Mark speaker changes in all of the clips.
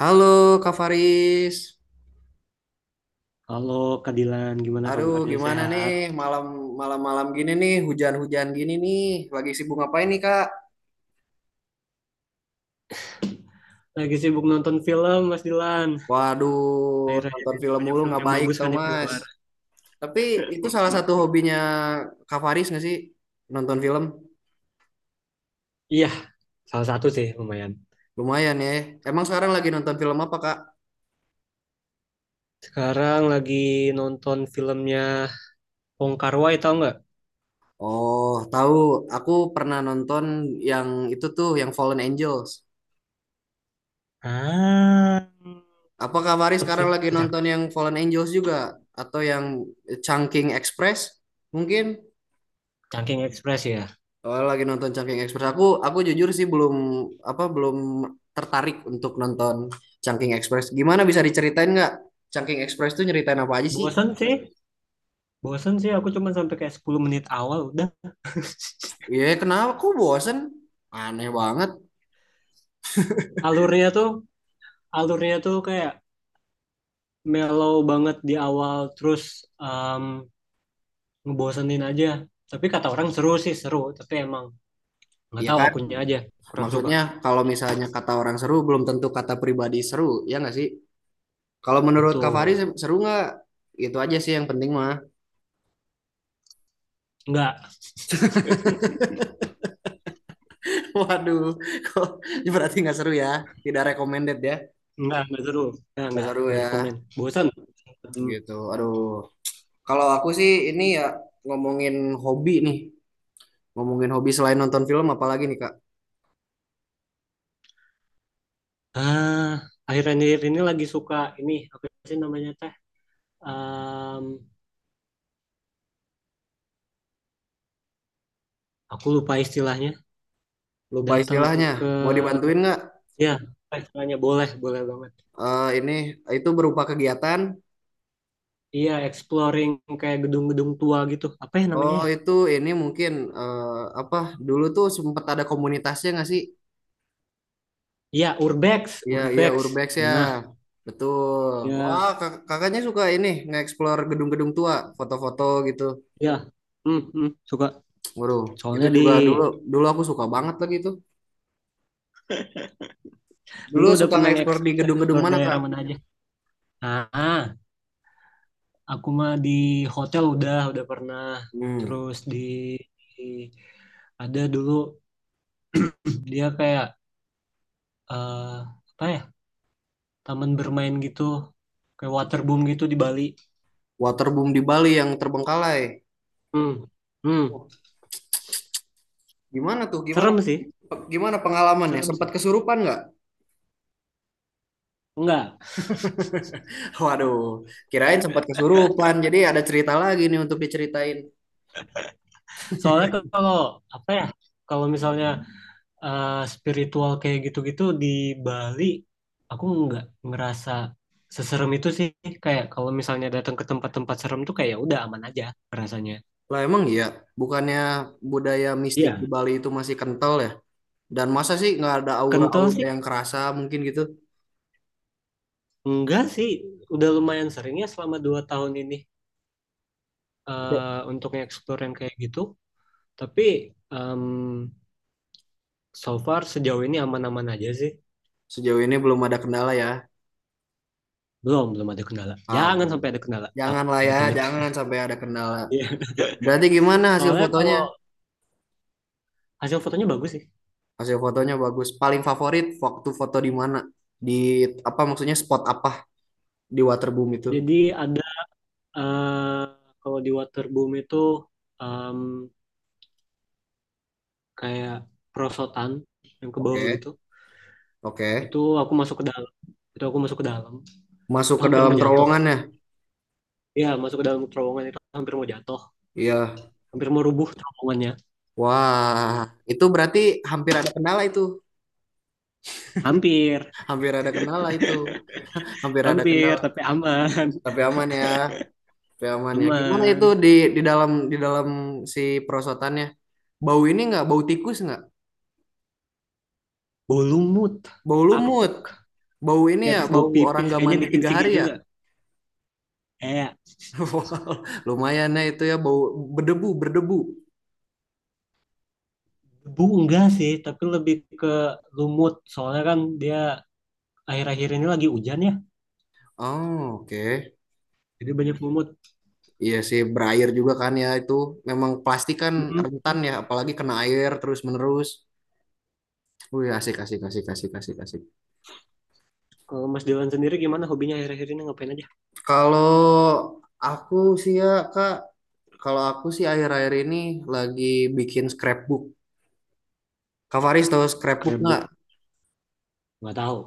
Speaker 1: Halo Kak Faris.
Speaker 2: Halo Kak Dilan, gimana
Speaker 1: Aduh,
Speaker 2: kabarnya?
Speaker 1: gimana nih
Speaker 2: Sehat?
Speaker 1: malam malam malam gini nih, hujan-hujan gini nih. Lagi sibuk ngapain nih, Kak?
Speaker 2: Lagi sibuk nonton film, Mas Dilan.
Speaker 1: Waduh,
Speaker 2: Akhir-akhir
Speaker 1: nonton
Speaker 2: ini
Speaker 1: film
Speaker 2: banyak
Speaker 1: mulu
Speaker 2: film
Speaker 1: nggak
Speaker 2: yang
Speaker 1: baik
Speaker 2: bagus
Speaker 1: tau,
Speaker 2: kan yang
Speaker 1: Mas.
Speaker 2: keluar.
Speaker 1: Tapi itu salah
Speaker 2: Mm-mm.
Speaker 1: satu hobinya Kak Faris nggak sih? Nonton film?
Speaker 2: Iya, salah satu sih lumayan.
Speaker 1: Lumayan ya. Emang sekarang lagi nonton film apa, Kak?
Speaker 2: Sekarang lagi nonton filmnya Wong Kar Wai, tau nggak?
Speaker 1: Oh, tahu. Aku pernah nonton yang itu tuh, yang Fallen Angels.
Speaker 2: Ah,
Speaker 1: Apa Kak Faris
Speaker 2: cakep
Speaker 1: sekarang
Speaker 2: sih.
Speaker 1: lagi
Speaker 2: Itu
Speaker 1: nonton
Speaker 2: cakep.
Speaker 1: yang Fallen Angels juga? Atau yang Chungking Express? Mungkin.
Speaker 2: Cangking Express ya.
Speaker 1: Oh, lagi nonton Chungking Express. Aku jujur sih belum apa belum tertarik untuk nonton Chungking Express. Gimana bisa diceritain nggak Chungking Express tuh nyeritain apa aja sih?
Speaker 2: Bosan sih, bosan sih. Aku cuma sampai kayak 10 menit awal udah.
Speaker 1: Ya kenapa aku bosen? Aneh banget.
Speaker 2: Alurnya tuh, alurnya tuh kayak mellow banget di awal, terus um, ngebosenin aja. Tapi kata orang seru sih, seru. Tapi emang nggak
Speaker 1: Iya
Speaker 2: tahu
Speaker 1: kan?
Speaker 2: akunya aja, kurang suka.
Speaker 1: Maksudnya kalau misalnya kata orang seru belum tentu kata pribadi seru, ya nggak sih? Kalau menurut Kak Fahri
Speaker 2: Betul.
Speaker 1: seru nggak? Itu aja sih yang penting mah.
Speaker 2: Nggak,
Speaker 1: Waduh, kok berarti nggak seru ya? Tidak recommended ya?
Speaker 2: nggak seru.
Speaker 1: Nggak seru
Speaker 2: Nggak
Speaker 1: ya?
Speaker 2: rekomen. Bosan. Hmm.
Speaker 1: Gitu. Aduh. Kalau aku sih ini ya ngomongin hobi nih, ngomongin hobi selain nonton film apalagi nih Kak?
Speaker 2: Ah, akhir-akhir ini lagi suka ini, apa sih namanya teh? Em, aku lupa istilahnya.
Speaker 1: Lupa
Speaker 2: Datang
Speaker 1: istilahnya.
Speaker 2: ke,
Speaker 1: Mau dibantuin nggak?
Speaker 2: ya, istilahnya boleh, boleh banget.
Speaker 1: Eh ini itu berupa kegiatan.
Speaker 2: Iya, exploring kayak gedung-gedung tua gitu. Apa ya namanya
Speaker 1: Oh
Speaker 2: ya?
Speaker 1: itu ini mungkin, eh, apa? Dulu tuh sempet ada komunitasnya nggak sih?
Speaker 2: Iya, urbex,
Speaker 1: Iya iya
Speaker 2: urbex.
Speaker 1: Urbex ya.
Speaker 2: Nah,
Speaker 1: Betul. Wah
Speaker 2: ya,
Speaker 1: kakaknya suka ini nge-explore gedung-gedung tua, foto-foto gitu.
Speaker 2: ya, hmm, hmm, suka.
Speaker 1: Waduh, itu
Speaker 2: Soalnya di
Speaker 1: juga dulu dulu aku suka banget lagi itu. Dulu
Speaker 2: dulu udah
Speaker 1: suka
Speaker 2: pernah
Speaker 1: nge-explore di gedung-gedung
Speaker 2: nge-explore
Speaker 1: mana
Speaker 2: daerah
Speaker 1: Kak?
Speaker 2: mana aja. Ah, aku mah di hotel udah pernah.
Speaker 1: Hmm.
Speaker 2: Terus di ada dulu dia kayak eh, apa ya? Taman bermain gitu, kayak waterboom gitu di Bali.
Speaker 1: Waterboom di Bali yang terbengkalai.
Speaker 2: Hmm. Hmm.
Speaker 1: Wah, gimana tuh? Gimana
Speaker 2: Serem sih,
Speaker 1: gimana pengalamannya?
Speaker 2: serem
Speaker 1: Sempat
Speaker 2: sih.
Speaker 1: kesurupan nggak?
Speaker 2: Enggak.
Speaker 1: Waduh, kirain sempat kesurupan. Jadi ada cerita lagi nih untuk diceritain.
Speaker 2: Soalnya kalau apa ya? Kalau misalnya spiritual kayak gitu-gitu di Bali aku nggak ngerasa seserem itu sih, kayak kalau misalnya datang ke tempat-tempat serem tuh kayak ya udah aman aja rasanya.
Speaker 1: Lah emang iya, bukannya budaya mistik di
Speaker 2: Iya,
Speaker 1: Bali itu masih kental ya? Dan masa sih nggak ada
Speaker 2: kental
Speaker 1: aura-aura
Speaker 2: sih.
Speaker 1: yang kerasa mungkin gitu?
Speaker 2: Enggak sih, udah lumayan sering ya selama 2 tahun ini, eh, untuk nge-explore yang kayak gitu. Tapi em, so far sejauh ini aman-aman aja sih.
Speaker 1: Sejauh ini belum ada kendala ya.
Speaker 2: Belum belum ada kendala, jangan sampai
Speaker 1: Alhamdulillah.
Speaker 2: ada kendala, takut
Speaker 1: Janganlah ya,
Speaker 2: amit-amit.
Speaker 1: jangan sampai ada kendala.
Speaker 2: Iya.
Speaker 1: Berarti gimana hasil
Speaker 2: Soalnya
Speaker 1: fotonya?
Speaker 2: kalau hasil fotonya bagus sih.
Speaker 1: Hasil fotonya bagus. Paling favorit waktu foto di mana? Di apa maksudnya spot apa di waterboom itu?
Speaker 2: Jadi ada eh kalau di waterboom itu em, kayak perosotan yang ke bawah
Speaker 1: Oke,
Speaker 2: gitu. Itu
Speaker 1: oke.
Speaker 2: aku masuk ke dalam. Itu aku masuk ke dalam.
Speaker 1: Masuk
Speaker 2: Itu
Speaker 1: ke
Speaker 2: hampir
Speaker 1: dalam
Speaker 2: mau jatuh.
Speaker 1: terowongan ya?
Speaker 2: Iya, masuk ke dalam terowongan itu hampir mau jatuh.
Speaker 1: Iya.
Speaker 2: Hampir mau rubuh terowongannya.
Speaker 1: Wah, itu berarti hampir ada kendala itu.
Speaker 2: Hampir,
Speaker 1: Hampir ada kendala itu. Hampir ada
Speaker 2: hampir,
Speaker 1: kendala.
Speaker 2: tapi aman.
Speaker 1: Tapi aman ya. Tapi aman ya. Gimana itu
Speaker 2: Aman.
Speaker 1: di di dalam si perosotannya? Bau ini nggak? Bau tikus nggak?
Speaker 2: Bau lumut,
Speaker 1: Bau lumut?
Speaker 2: apek.
Speaker 1: Bau ini
Speaker 2: Ya
Speaker 1: ya?
Speaker 2: terus bau
Speaker 1: Bau orang
Speaker 2: pipis
Speaker 1: gak
Speaker 2: kayaknya
Speaker 1: mandi tiga
Speaker 2: dikencingin
Speaker 1: hari ya?
Speaker 2: juga. Kayak
Speaker 1: Wah, lumayan ya itu ya bau berdebu berdebu.
Speaker 2: debu enggak sih, tapi lebih ke lumut. Soalnya kan dia akhir-akhir ini lagi hujan ya.
Speaker 1: Oh, oke.
Speaker 2: Jadi banyak lumut.
Speaker 1: Iya sih, berair juga kan ya itu. Memang plastik kan
Speaker 2: Mm-mm.
Speaker 1: rentan ya, apalagi kena air terus-menerus. Wih, asik, asik, asik, asik, asik, asik.
Speaker 2: Kalau Mas Dewan sendiri gimana hobinya akhir-akhir ini ngapain aja?
Speaker 1: Kalau aku sih ya, Kak, kalau aku sih akhir-akhir ini lagi bikin scrapbook. Kak Faris tahu scrapbook
Speaker 2: Scrapbook,
Speaker 1: nggak?
Speaker 2: nggak tahu.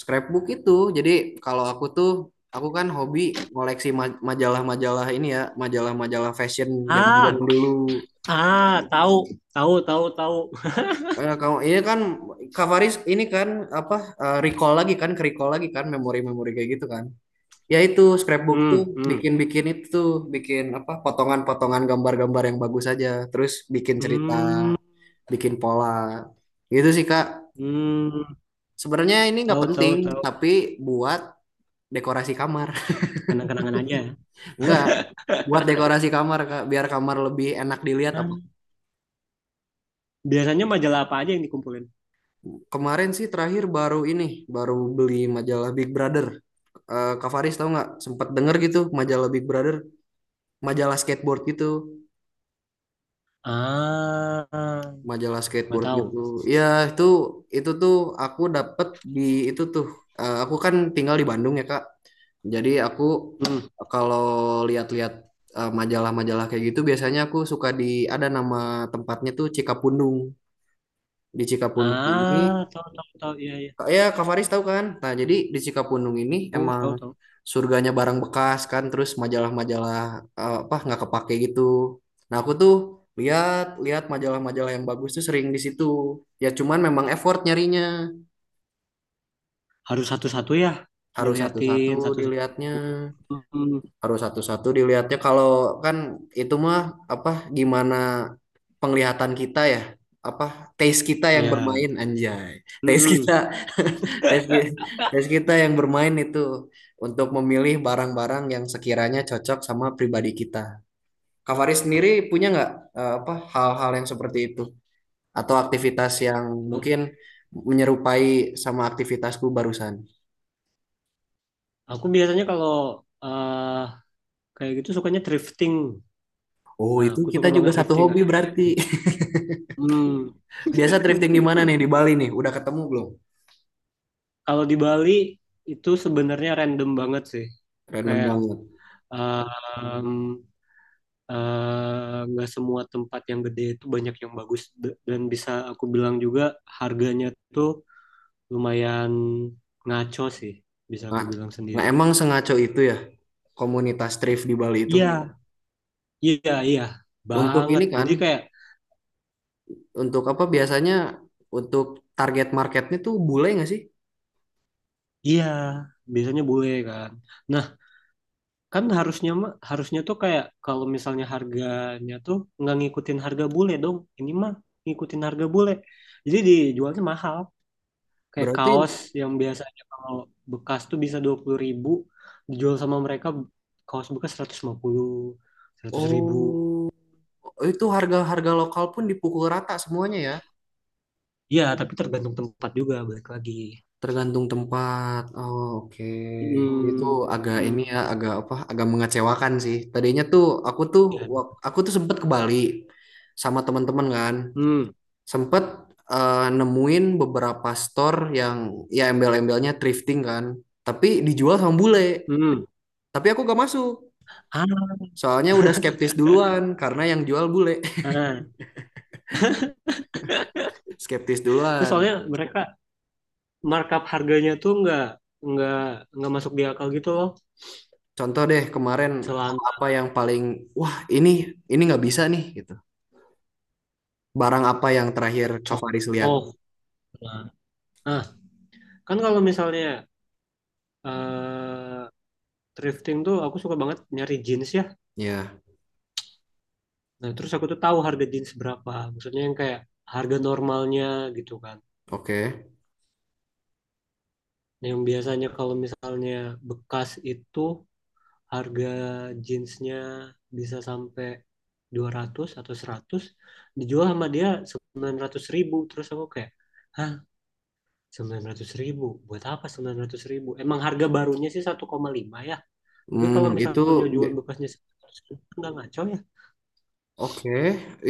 Speaker 1: Scrapbook itu, jadi kalau aku tuh, aku kan hobi ngoleksi majalah-majalah ini ya, majalah-majalah fashion
Speaker 2: Ah,
Speaker 1: zaman-zaman dulu.
Speaker 2: ah, tahu, tahu, tahu, tahu.
Speaker 1: Karena kamu ini kan Kavaris ini kan apa recall lagi kan, ke recall lagi kan memori-memori kayak gitu kan. Ya itu scrapbook
Speaker 2: Hmm,
Speaker 1: tuh
Speaker 2: hmm,
Speaker 1: bikin-bikin itu tuh, bikin apa potongan-potongan gambar-gambar yang bagus aja, terus bikin cerita,
Speaker 2: hmm,
Speaker 1: bikin pola. Gitu sih Kak.
Speaker 2: hmm.
Speaker 1: Sebenarnya ini nggak
Speaker 2: Tahu,
Speaker 1: penting,
Speaker 2: tahu, tahu.
Speaker 1: tapi buat dekorasi kamar.
Speaker 2: Kenang-kenangan aja, ya.
Speaker 1: nggak buat dekorasi kamar Kak, biar kamar lebih enak dilihat apa.
Speaker 2: Ah, biasanya majalah apa aja yang dikumpulin?
Speaker 1: Kemarin sih terakhir baru ini, baru beli majalah Big Brother. Eh Kak Faris tahu nggak sempat denger gitu majalah Big Brother, majalah skateboard gitu,
Speaker 2: Ah,
Speaker 1: majalah
Speaker 2: nggak
Speaker 1: skateboard
Speaker 2: tahu.
Speaker 1: gitu. Ya itu itu tuh aku dapet di itu tuh aku kan tinggal di Bandung ya Kak. Jadi aku
Speaker 2: Hmm.
Speaker 1: kalau lihat-lihat majalah-majalah kayak gitu biasanya aku suka di ada nama tempatnya tuh Cikapundung. Di Cikapundung ini
Speaker 2: Ah, tahu, tahu, tahu. Iya, iya.
Speaker 1: Ya, Kak Faris tahu kan? Nah, jadi di Cikapundung ini
Speaker 2: Tahu,
Speaker 1: emang
Speaker 2: tahu, tahu.
Speaker 1: surganya barang bekas kan, terus majalah-majalah apa nggak kepake gitu. Nah, aku tuh lihat lihat majalah-majalah yang bagus tuh sering di situ. Ya cuman memang effort nyarinya,
Speaker 2: Harus satu-satu ya,
Speaker 1: harus satu-satu
Speaker 2: diliatin satu-satu.
Speaker 1: dilihatnya.
Speaker 2: Hmm,
Speaker 1: Harus satu-satu dilihatnya kalau kan itu mah apa gimana penglihatan kita ya apa taste kita yang
Speaker 2: ya.
Speaker 1: bermain anjay taste kita
Speaker 2: Hmm.
Speaker 1: taste kita, taste kita yang bermain itu untuk memilih barang-barang yang sekiranya cocok sama pribadi kita. Kak Faris sendiri punya nggak apa hal-hal yang seperti itu atau aktivitas yang mungkin menyerupai sama aktivitasku barusan?
Speaker 2: Aku biasanya kalau eh kayak gitu sukanya drifting.
Speaker 1: Oh,
Speaker 2: Nah,
Speaker 1: itu
Speaker 2: aku
Speaker 1: kita
Speaker 2: suka
Speaker 1: juga
Speaker 2: banget
Speaker 1: satu
Speaker 2: drifting
Speaker 1: hobi
Speaker 2: akhir-akhir ini.
Speaker 1: berarti.
Speaker 2: Hmm.
Speaker 1: Biasa thrifting di mana nih di Bali nih? Udah ketemu belum?
Speaker 2: Kalau di Bali itu sebenarnya random banget sih.
Speaker 1: Random
Speaker 2: Kayak
Speaker 1: banget.
Speaker 2: em, nggak semua tempat yang gede itu banyak yang bagus dan bisa aku bilang juga harganya tuh lumayan ngaco sih, bisa aku
Speaker 1: Nah,
Speaker 2: bilang
Speaker 1: nah,
Speaker 2: sendiri.
Speaker 1: emang sengaco itu ya komunitas thrift di Bali itu.
Speaker 2: Iya, iya, iya,
Speaker 1: Untuk
Speaker 2: banget.
Speaker 1: ini kan,
Speaker 2: Jadi kayak
Speaker 1: untuk apa biasanya untuk target marketnya tuh bule nggak sih?
Speaker 2: iya, biasanya bule kan. Nah, kan harusnya mah harusnya tuh kayak kalau misalnya harganya tuh nggak ngikutin harga bule dong, ini mah ngikutin harga bule, jadi dijualnya mahal, kayak
Speaker 1: Berarti
Speaker 2: kaos yang biasanya kalau bekas tuh bisa 20 ribu, dijual sama mereka kaos bekas 150, 100 ribu.
Speaker 1: oh itu harga-harga lokal pun dipukul rata semuanya ya.
Speaker 2: Ya tapi tergantung tempat juga, balik lagi.
Speaker 1: Tergantung tempat. Oh, oke. Itu
Speaker 2: Hmm,
Speaker 1: agak ini
Speaker 2: hmm,
Speaker 1: ya, agak apa? Agak mengecewakan sih. Tadinya tuh aku tuh
Speaker 2: ya.
Speaker 1: aku tuh sempet ke Bali sama teman-teman kan.
Speaker 2: Hmm,
Speaker 1: Sempet nemuin beberapa store yang ya embel-embelnya thrifting kan, tapi dijual sama bule.
Speaker 2: hmm.
Speaker 1: Tapi aku gak masuk,
Speaker 2: Ah,
Speaker 1: soalnya udah skeptis duluan karena yang jual bule,
Speaker 2: ah.
Speaker 1: skeptis
Speaker 2: Ya,
Speaker 1: duluan.
Speaker 2: soalnya mereka markup harganya tuh nggak nggak masuk di akal gitu loh.
Speaker 1: Contoh deh kemarin hal
Speaker 2: Celana
Speaker 1: apa yang paling wah ini nggak bisa nih gitu. Barang apa yang terakhir Kak Faris lihat?
Speaker 2: contoh. Nah, nah, kan kalau misalnya eh thrifting tuh aku suka banget nyari jeans ya.
Speaker 1: Ya,
Speaker 2: Nah, terus aku tuh tahu harga jeans berapa. Maksudnya yang kayak harga normalnya gitu kan.
Speaker 1: oke.
Speaker 2: Nah, yang biasanya kalau misalnya bekas itu harga jeansnya bisa sampai 200 atau 100, dijual sama dia 900 ribu. Terus aku kayak hah, 900 ribu? Buat apa 900 ribu? Emang harga barunya sih 1,5 ya? Tapi kalau
Speaker 1: Hmm, itu
Speaker 2: misalnya jual bekasnya nggak ngaco ya.
Speaker 1: oke,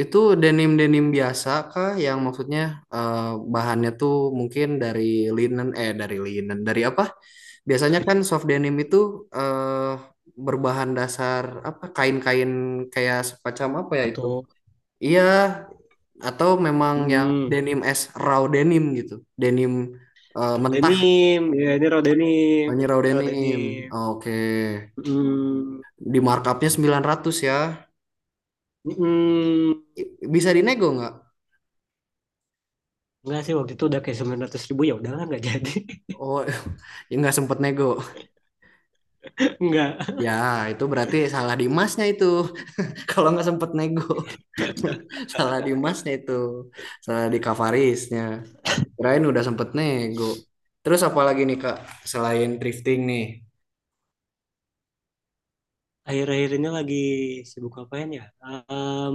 Speaker 1: itu denim-denim biasa kah? Yang maksudnya eh, bahannya tuh mungkin dari linen, dari apa? Biasanya kan soft denim itu eh berbahan dasar apa? Kain-kain kayak semacam apa ya itu?
Speaker 2: Atau
Speaker 1: Iya, atau memang yang
Speaker 2: mm-mm.
Speaker 1: denim as raw denim gitu, denim mentah,
Speaker 2: Ya, ini Rodenim,
Speaker 1: hanya raw
Speaker 2: ini
Speaker 1: denim.
Speaker 2: Rodenim.
Speaker 1: Oke,
Speaker 2: Mm-mm.
Speaker 1: di markupnya 900 ya. Bisa dinego nggak?
Speaker 2: Enggak sih, waktu itu udah kayak 900 ribu, ya udahlah nggak jadi.
Speaker 1: Oh, ya nggak sempet nego.
Speaker 2: Nggak.
Speaker 1: Ya, itu berarti salah di masnya itu. Kalau nggak sempet nego, salah di masnya itu. Salah di Kavarisnya. Kirain udah sempet nego. Terus apa lagi nih Kak, selain thrifting nih?
Speaker 2: Akhir-akhir ini lagi sibuk ngapain ya?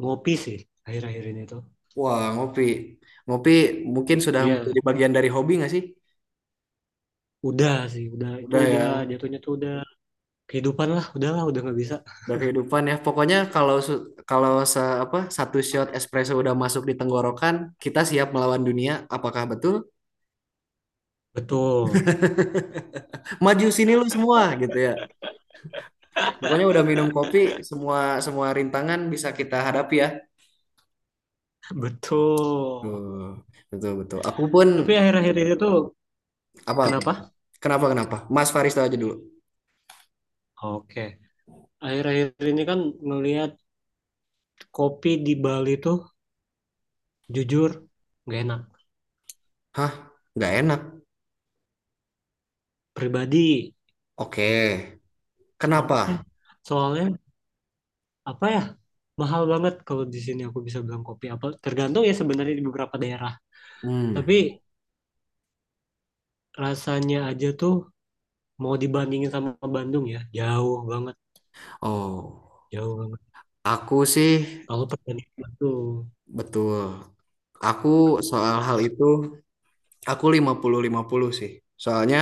Speaker 2: Ngopi sih akhir-akhir ini tuh.
Speaker 1: Wah, ngopi. Ngopi mungkin sudah
Speaker 2: Iya,
Speaker 1: menjadi bagian dari hobi nggak sih?
Speaker 2: udah sih, udah itu
Speaker 1: Udah ya,
Speaker 2: udah jatuhnya tuh udah kehidupan lah, udahlah udah nggak bisa.
Speaker 1: udah kehidupan ya. Pokoknya kalau su- kalau se apa 1 shot espresso udah masuk di tenggorokan, kita siap melawan dunia. Apakah betul?
Speaker 2: Betul,
Speaker 1: Maju sini lu semua gitu ya. Pokoknya udah minum kopi, semua semua rintangan bisa kita hadapi ya.
Speaker 2: betul.
Speaker 1: Tuh, betul betul. Aku pun
Speaker 2: Tapi akhir-akhir ini tuh
Speaker 1: apa? Apa?
Speaker 2: kenapa?
Speaker 1: Kenapa kenapa? Mas Faris tahu aja dulu.
Speaker 2: Oke. Akhir-akhir ini kan ngelihat kopi di Bali tuh jujur gak enak.
Speaker 1: Hah? Nggak enak.
Speaker 2: Pribadi.
Speaker 1: Oke. Kenapa?
Speaker 2: Soalnya, soalnya, apa ya? Mahal banget kalau di sini aku bisa bilang kopi. Apa tergantung ya sebenarnya di beberapa daerah. Tapi
Speaker 1: Hmm.
Speaker 2: rasanya aja tuh mau dibandingin sama Bandung ya, jauh banget,
Speaker 1: Oh,
Speaker 2: jauh banget.
Speaker 1: aku sih
Speaker 2: Kalau perbandingan tuh
Speaker 1: betul. Aku soal hal itu aku 50-50 sih. Soalnya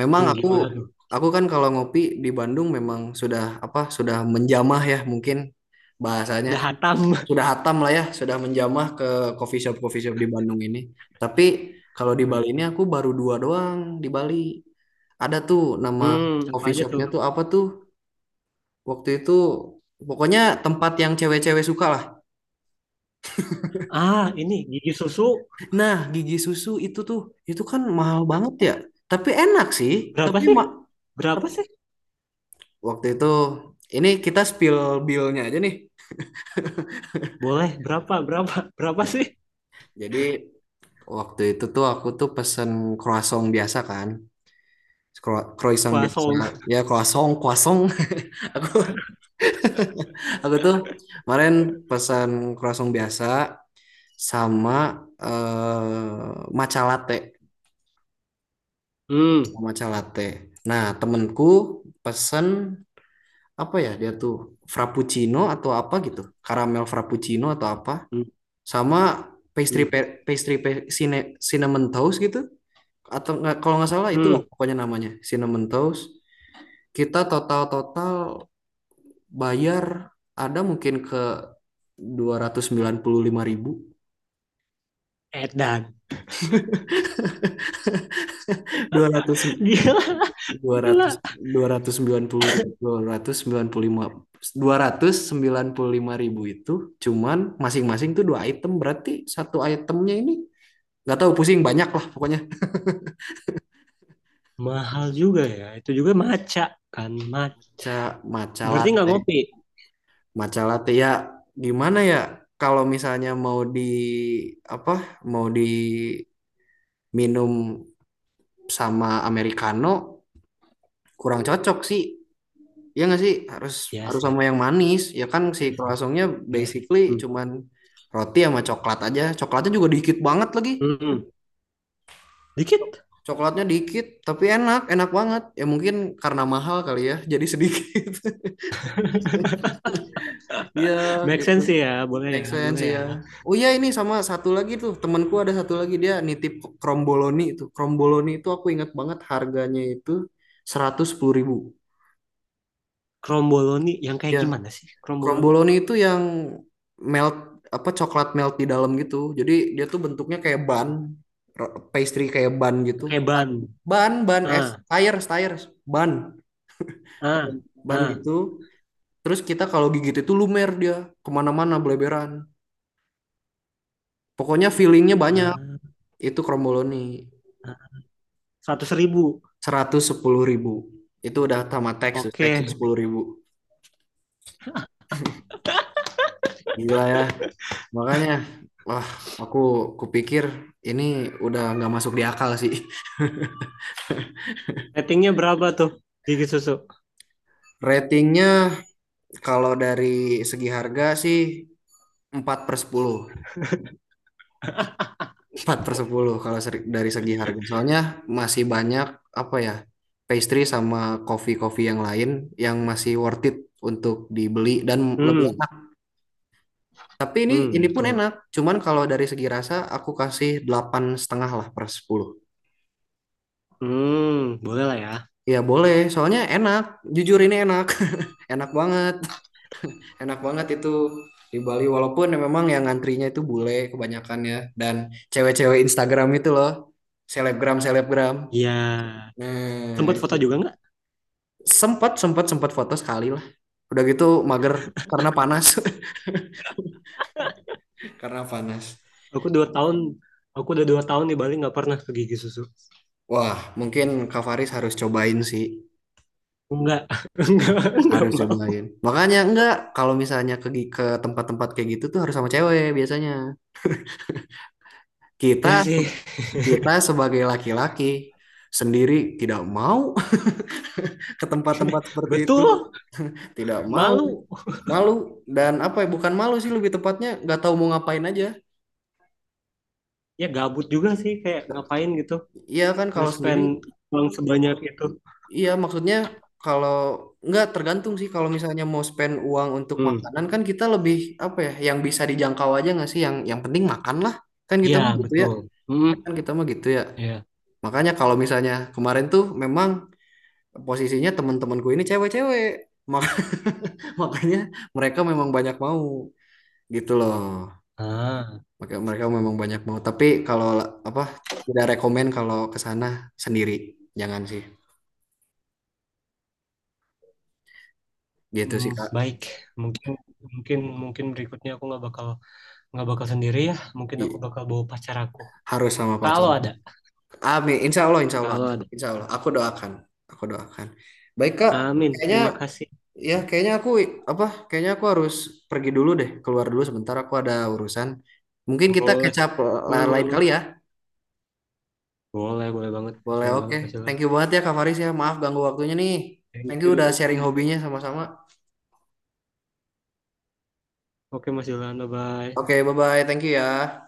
Speaker 1: memang
Speaker 2: hmm,
Speaker 1: aku
Speaker 2: gimana tuh?
Speaker 1: aku kan kalau ngopi di Bandung memang sudah apa? Sudah menjamah ya mungkin bahasanya
Speaker 2: Udah hatam.
Speaker 1: sudah hatam lah ya, sudah menjamah ke coffee shop di Bandung ini. Tapi kalau di Bali ini aku baru dua doang di Bali. Ada tuh nama
Speaker 2: Hmm, apa
Speaker 1: coffee
Speaker 2: aja tuh?
Speaker 1: shopnya tuh apa tuh? Waktu itu pokoknya tempat yang cewek-cewek suka lah.
Speaker 2: Ah, ini gigi susu
Speaker 1: Nah, gigi susu itu tuh itu kan mahal banget ya. Tapi enak sih.
Speaker 2: berapa
Speaker 1: Tapi
Speaker 2: sih? Berapa
Speaker 1: tep-
Speaker 2: sih?
Speaker 1: waktu itu ini kita spill bill-nya aja nih.
Speaker 2: Boleh, berapa, berapa, berapa sih?
Speaker 1: Jadi waktu itu tuh aku tuh pesen croissant biasa kan. Croissant biasa
Speaker 2: Kuasong.
Speaker 1: ya croissant croissant aku aku tuh kemarin pesan croissant biasa sama matcha latte.
Speaker 2: Hmm,
Speaker 1: Sama matcha latte nah temenku pesen apa ya dia tuh frappuccino atau apa gitu karamel frappuccino atau apa
Speaker 2: hmm,
Speaker 1: sama
Speaker 2: hmm,
Speaker 1: cinnamon toast gitu atau nggak kalau nggak salah
Speaker 2: hmm.
Speaker 1: itulah pokoknya namanya cinnamon toast kita total total bayar ada mungkin ke dua dua dua
Speaker 2: Edan.
Speaker 1: dua ratus
Speaker 2: Gila,
Speaker 1: ratus ratus
Speaker 2: gila.
Speaker 1: dua ratus sembilan sembilan puluh puluh lima ribu, 295 ribu itu cuman masing-masing tuh dua item berarti satu itemnya ini nggak tahu pusing banyak lah pokoknya.
Speaker 2: Mahal juga ya. Itu juga maca kan. Mac
Speaker 1: Ca Matcha
Speaker 2: berarti nggak
Speaker 1: latte
Speaker 2: ngopi.
Speaker 1: matcha latte ya gimana ya kalau misalnya mau di apa mau diminum sama americano kurang cocok sih. Iya nggak sih harus
Speaker 2: Ya
Speaker 1: harus sama
Speaker 2: sih.
Speaker 1: yang manis ya kan si
Speaker 2: Ya sih.
Speaker 1: croissantnya
Speaker 2: Ya sih.
Speaker 1: basically
Speaker 2: Hmm.
Speaker 1: cuman roti sama coklat aja coklatnya juga dikit banget lagi
Speaker 2: Hmm, hmm. Dikit.
Speaker 1: coklatnya dikit tapi enak enak banget ya mungkin karena mahal kali ya jadi sedikit. Iya
Speaker 2: Make
Speaker 1: gitu
Speaker 2: sense sih ya. Boleh
Speaker 1: make
Speaker 2: ya,
Speaker 1: sense
Speaker 2: boleh
Speaker 1: ya.
Speaker 2: ya.
Speaker 1: Oh iya ini sama satu lagi tuh temanku ada satu lagi dia nitip kromboloni itu aku ingat banget harganya itu 110 ribu.
Speaker 2: Kromboloni yang kayak
Speaker 1: Ya
Speaker 2: gimana sih? Kromboloni.
Speaker 1: Kromboloni itu yang melt apa coklat melt di dalam gitu. Jadi dia tuh bentuknya kayak bun, pastry kayak bun gitu.
Speaker 2: Kayak ban.
Speaker 1: Bun, bun es,
Speaker 2: Ah,
Speaker 1: tires, tires, bun,
Speaker 2: ah,
Speaker 1: bun
Speaker 2: ah,
Speaker 1: gitu. Terus kita kalau gigit itu lumer dia kemana-mana beleberan. Pokoknya feelingnya banyak.
Speaker 2: ah.
Speaker 1: Itu Kromboloni
Speaker 2: Seratus ribu.
Speaker 1: 110 ribu. Itu udah tamat teks, teks
Speaker 2: Oke.
Speaker 1: 10 ribu. Gila ya. Makanya, wah aku kupikir ini udah nggak masuk di akal sih.
Speaker 2: Ratingnya berapa tuh? Gigi susu.
Speaker 1: Ratingnya kalau dari segi harga sih 4/10. 4/10 kalau dari segi harga. Soalnya masih banyak apa ya pastry sama coffee-coffee yang lain yang masih worth it untuk dibeli dan lebih
Speaker 2: Hmm.
Speaker 1: enak. Tapi ini
Speaker 2: Hmm,
Speaker 1: ini pun
Speaker 2: betul.
Speaker 1: enak. Cuman kalau dari segi rasa aku kasih 8,5 lah per 10.
Speaker 2: Hmm, boleh lah ya.
Speaker 1: Ya boleh, soalnya enak. Jujur ini enak. Enak banget. Enak banget itu di Bali walaupun ya memang yang ngantrinya itu bule kebanyakan ya dan cewek-cewek Instagram itu loh selebgram selebgram
Speaker 2: Iya.
Speaker 1: nah
Speaker 2: Sempat
Speaker 1: itu.
Speaker 2: foto juga nggak?
Speaker 1: Sempat sempat sempat foto sekali lah udah gitu mager karena panas karena panas.
Speaker 2: Aku 2 tahun, aku udah 2 tahun di Bali nggak pernah ke gigi susu.
Speaker 1: Wah mungkin Kak Faris harus cobain sih
Speaker 2: Nggak, nggak, nggak
Speaker 1: harus
Speaker 2: mau.
Speaker 1: cobain makanya enggak kalau misalnya ke tempat-tempat kayak gitu tuh harus sama cewek biasanya kita
Speaker 2: Iya sih,
Speaker 1: kita sebagai laki-laki sendiri tidak mau ke tempat-tempat seperti itu.
Speaker 2: betul.
Speaker 1: Tidak mau,
Speaker 2: Malu.
Speaker 1: malu dan apa ya? Bukan malu sih lebih tepatnya nggak tahu mau ngapain aja.
Speaker 2: Ya gabut juga sih, kayak ngapain gitu.
Speaker 1: Iya kan kalau sendiri,
Speaker 2: Nge-spend uang sebanyak itu.
Speaker 1: iya maksudnya kalau nggak tergantung sih kalau misalnya mau spend uang untuk
Speaker 2: Hmm,
Speaker 1: makanan kan kita lebih apa ya? Yang bisa dijangkau aja nggak sih? Yang penting makan lah. Kan kita
Speaker 2: iya
Speaker 1: mah gitu ya,
Speaker 2: betul. Hmm,
Speaker 1: kan kita mah gitu ya.
Speaker 2: iya.
Speaker 1: Makanya kalau misalnya kemarin tuh memang posisinya teman-temanku ini cewek-cewek. Mak- Makanya mereka memang banyak mau gitu loh.
Speaker 2: Ah,
Speaker 1: Maka mereka memang banyak mau. Tapi kalau apa tidak rekomen kalau ke sana sendiri, jangan sih. Gitu
Speaker 2: hmm,
Speaker 1: sih Kak.
Speaker 2: baik. Mungkin, mungkin berikutnya aku nggak bakal sendiri ya. Mungkin aku
Speaker 1: I-
Speaker 2: bakal bawa pacar aku.
Speaker 1: Harus sama pacar.
Speaker 2: Kalau ada.
Speaker 1: Amin. Insya Allah, insya Allah.
Speaker 2: Kalau ada.
Speaker 1: Insya Allah. Aku doakan. Aku doakan. Baik Kak.
Speaker 2: Amin,
Speaker 1: Kayaknya
Speaker 2: terima kasih.
Speaker 1: ya kayaknya aku apa? Kayaknya aku harus pergi dulu deh. Keluar dulu sebentar. Aku ada urusan. Mungkin kita
Speaker 2: Boleh,
Speaker 1: kecap
Speaker 2: boleh, boleh,
Speaker 1: lain
Speaker 2: boleh.
Speaker 1: kali ya.
Speaker 2: Boleh,
Speaker 1: Boleh,
Speaker 2: boleh
Speaker 1: oke.
Speaker 2: banget Mas Ilham.
Speaker 1: Thank you banget ya Kak Faris ya. Maaf ganggu waktunya nih.
Speaker 2: Thank
Speaker 1: Thank you udah sharing
Speaker 2: you.
Speaker 1: hobinya sama-sama.
Speaker 2: Oke Mas Ilham,
Speaker 1: Oke,
Speaker 2: bye-bye.
Speaker 1: bye-bye. Thank you ya.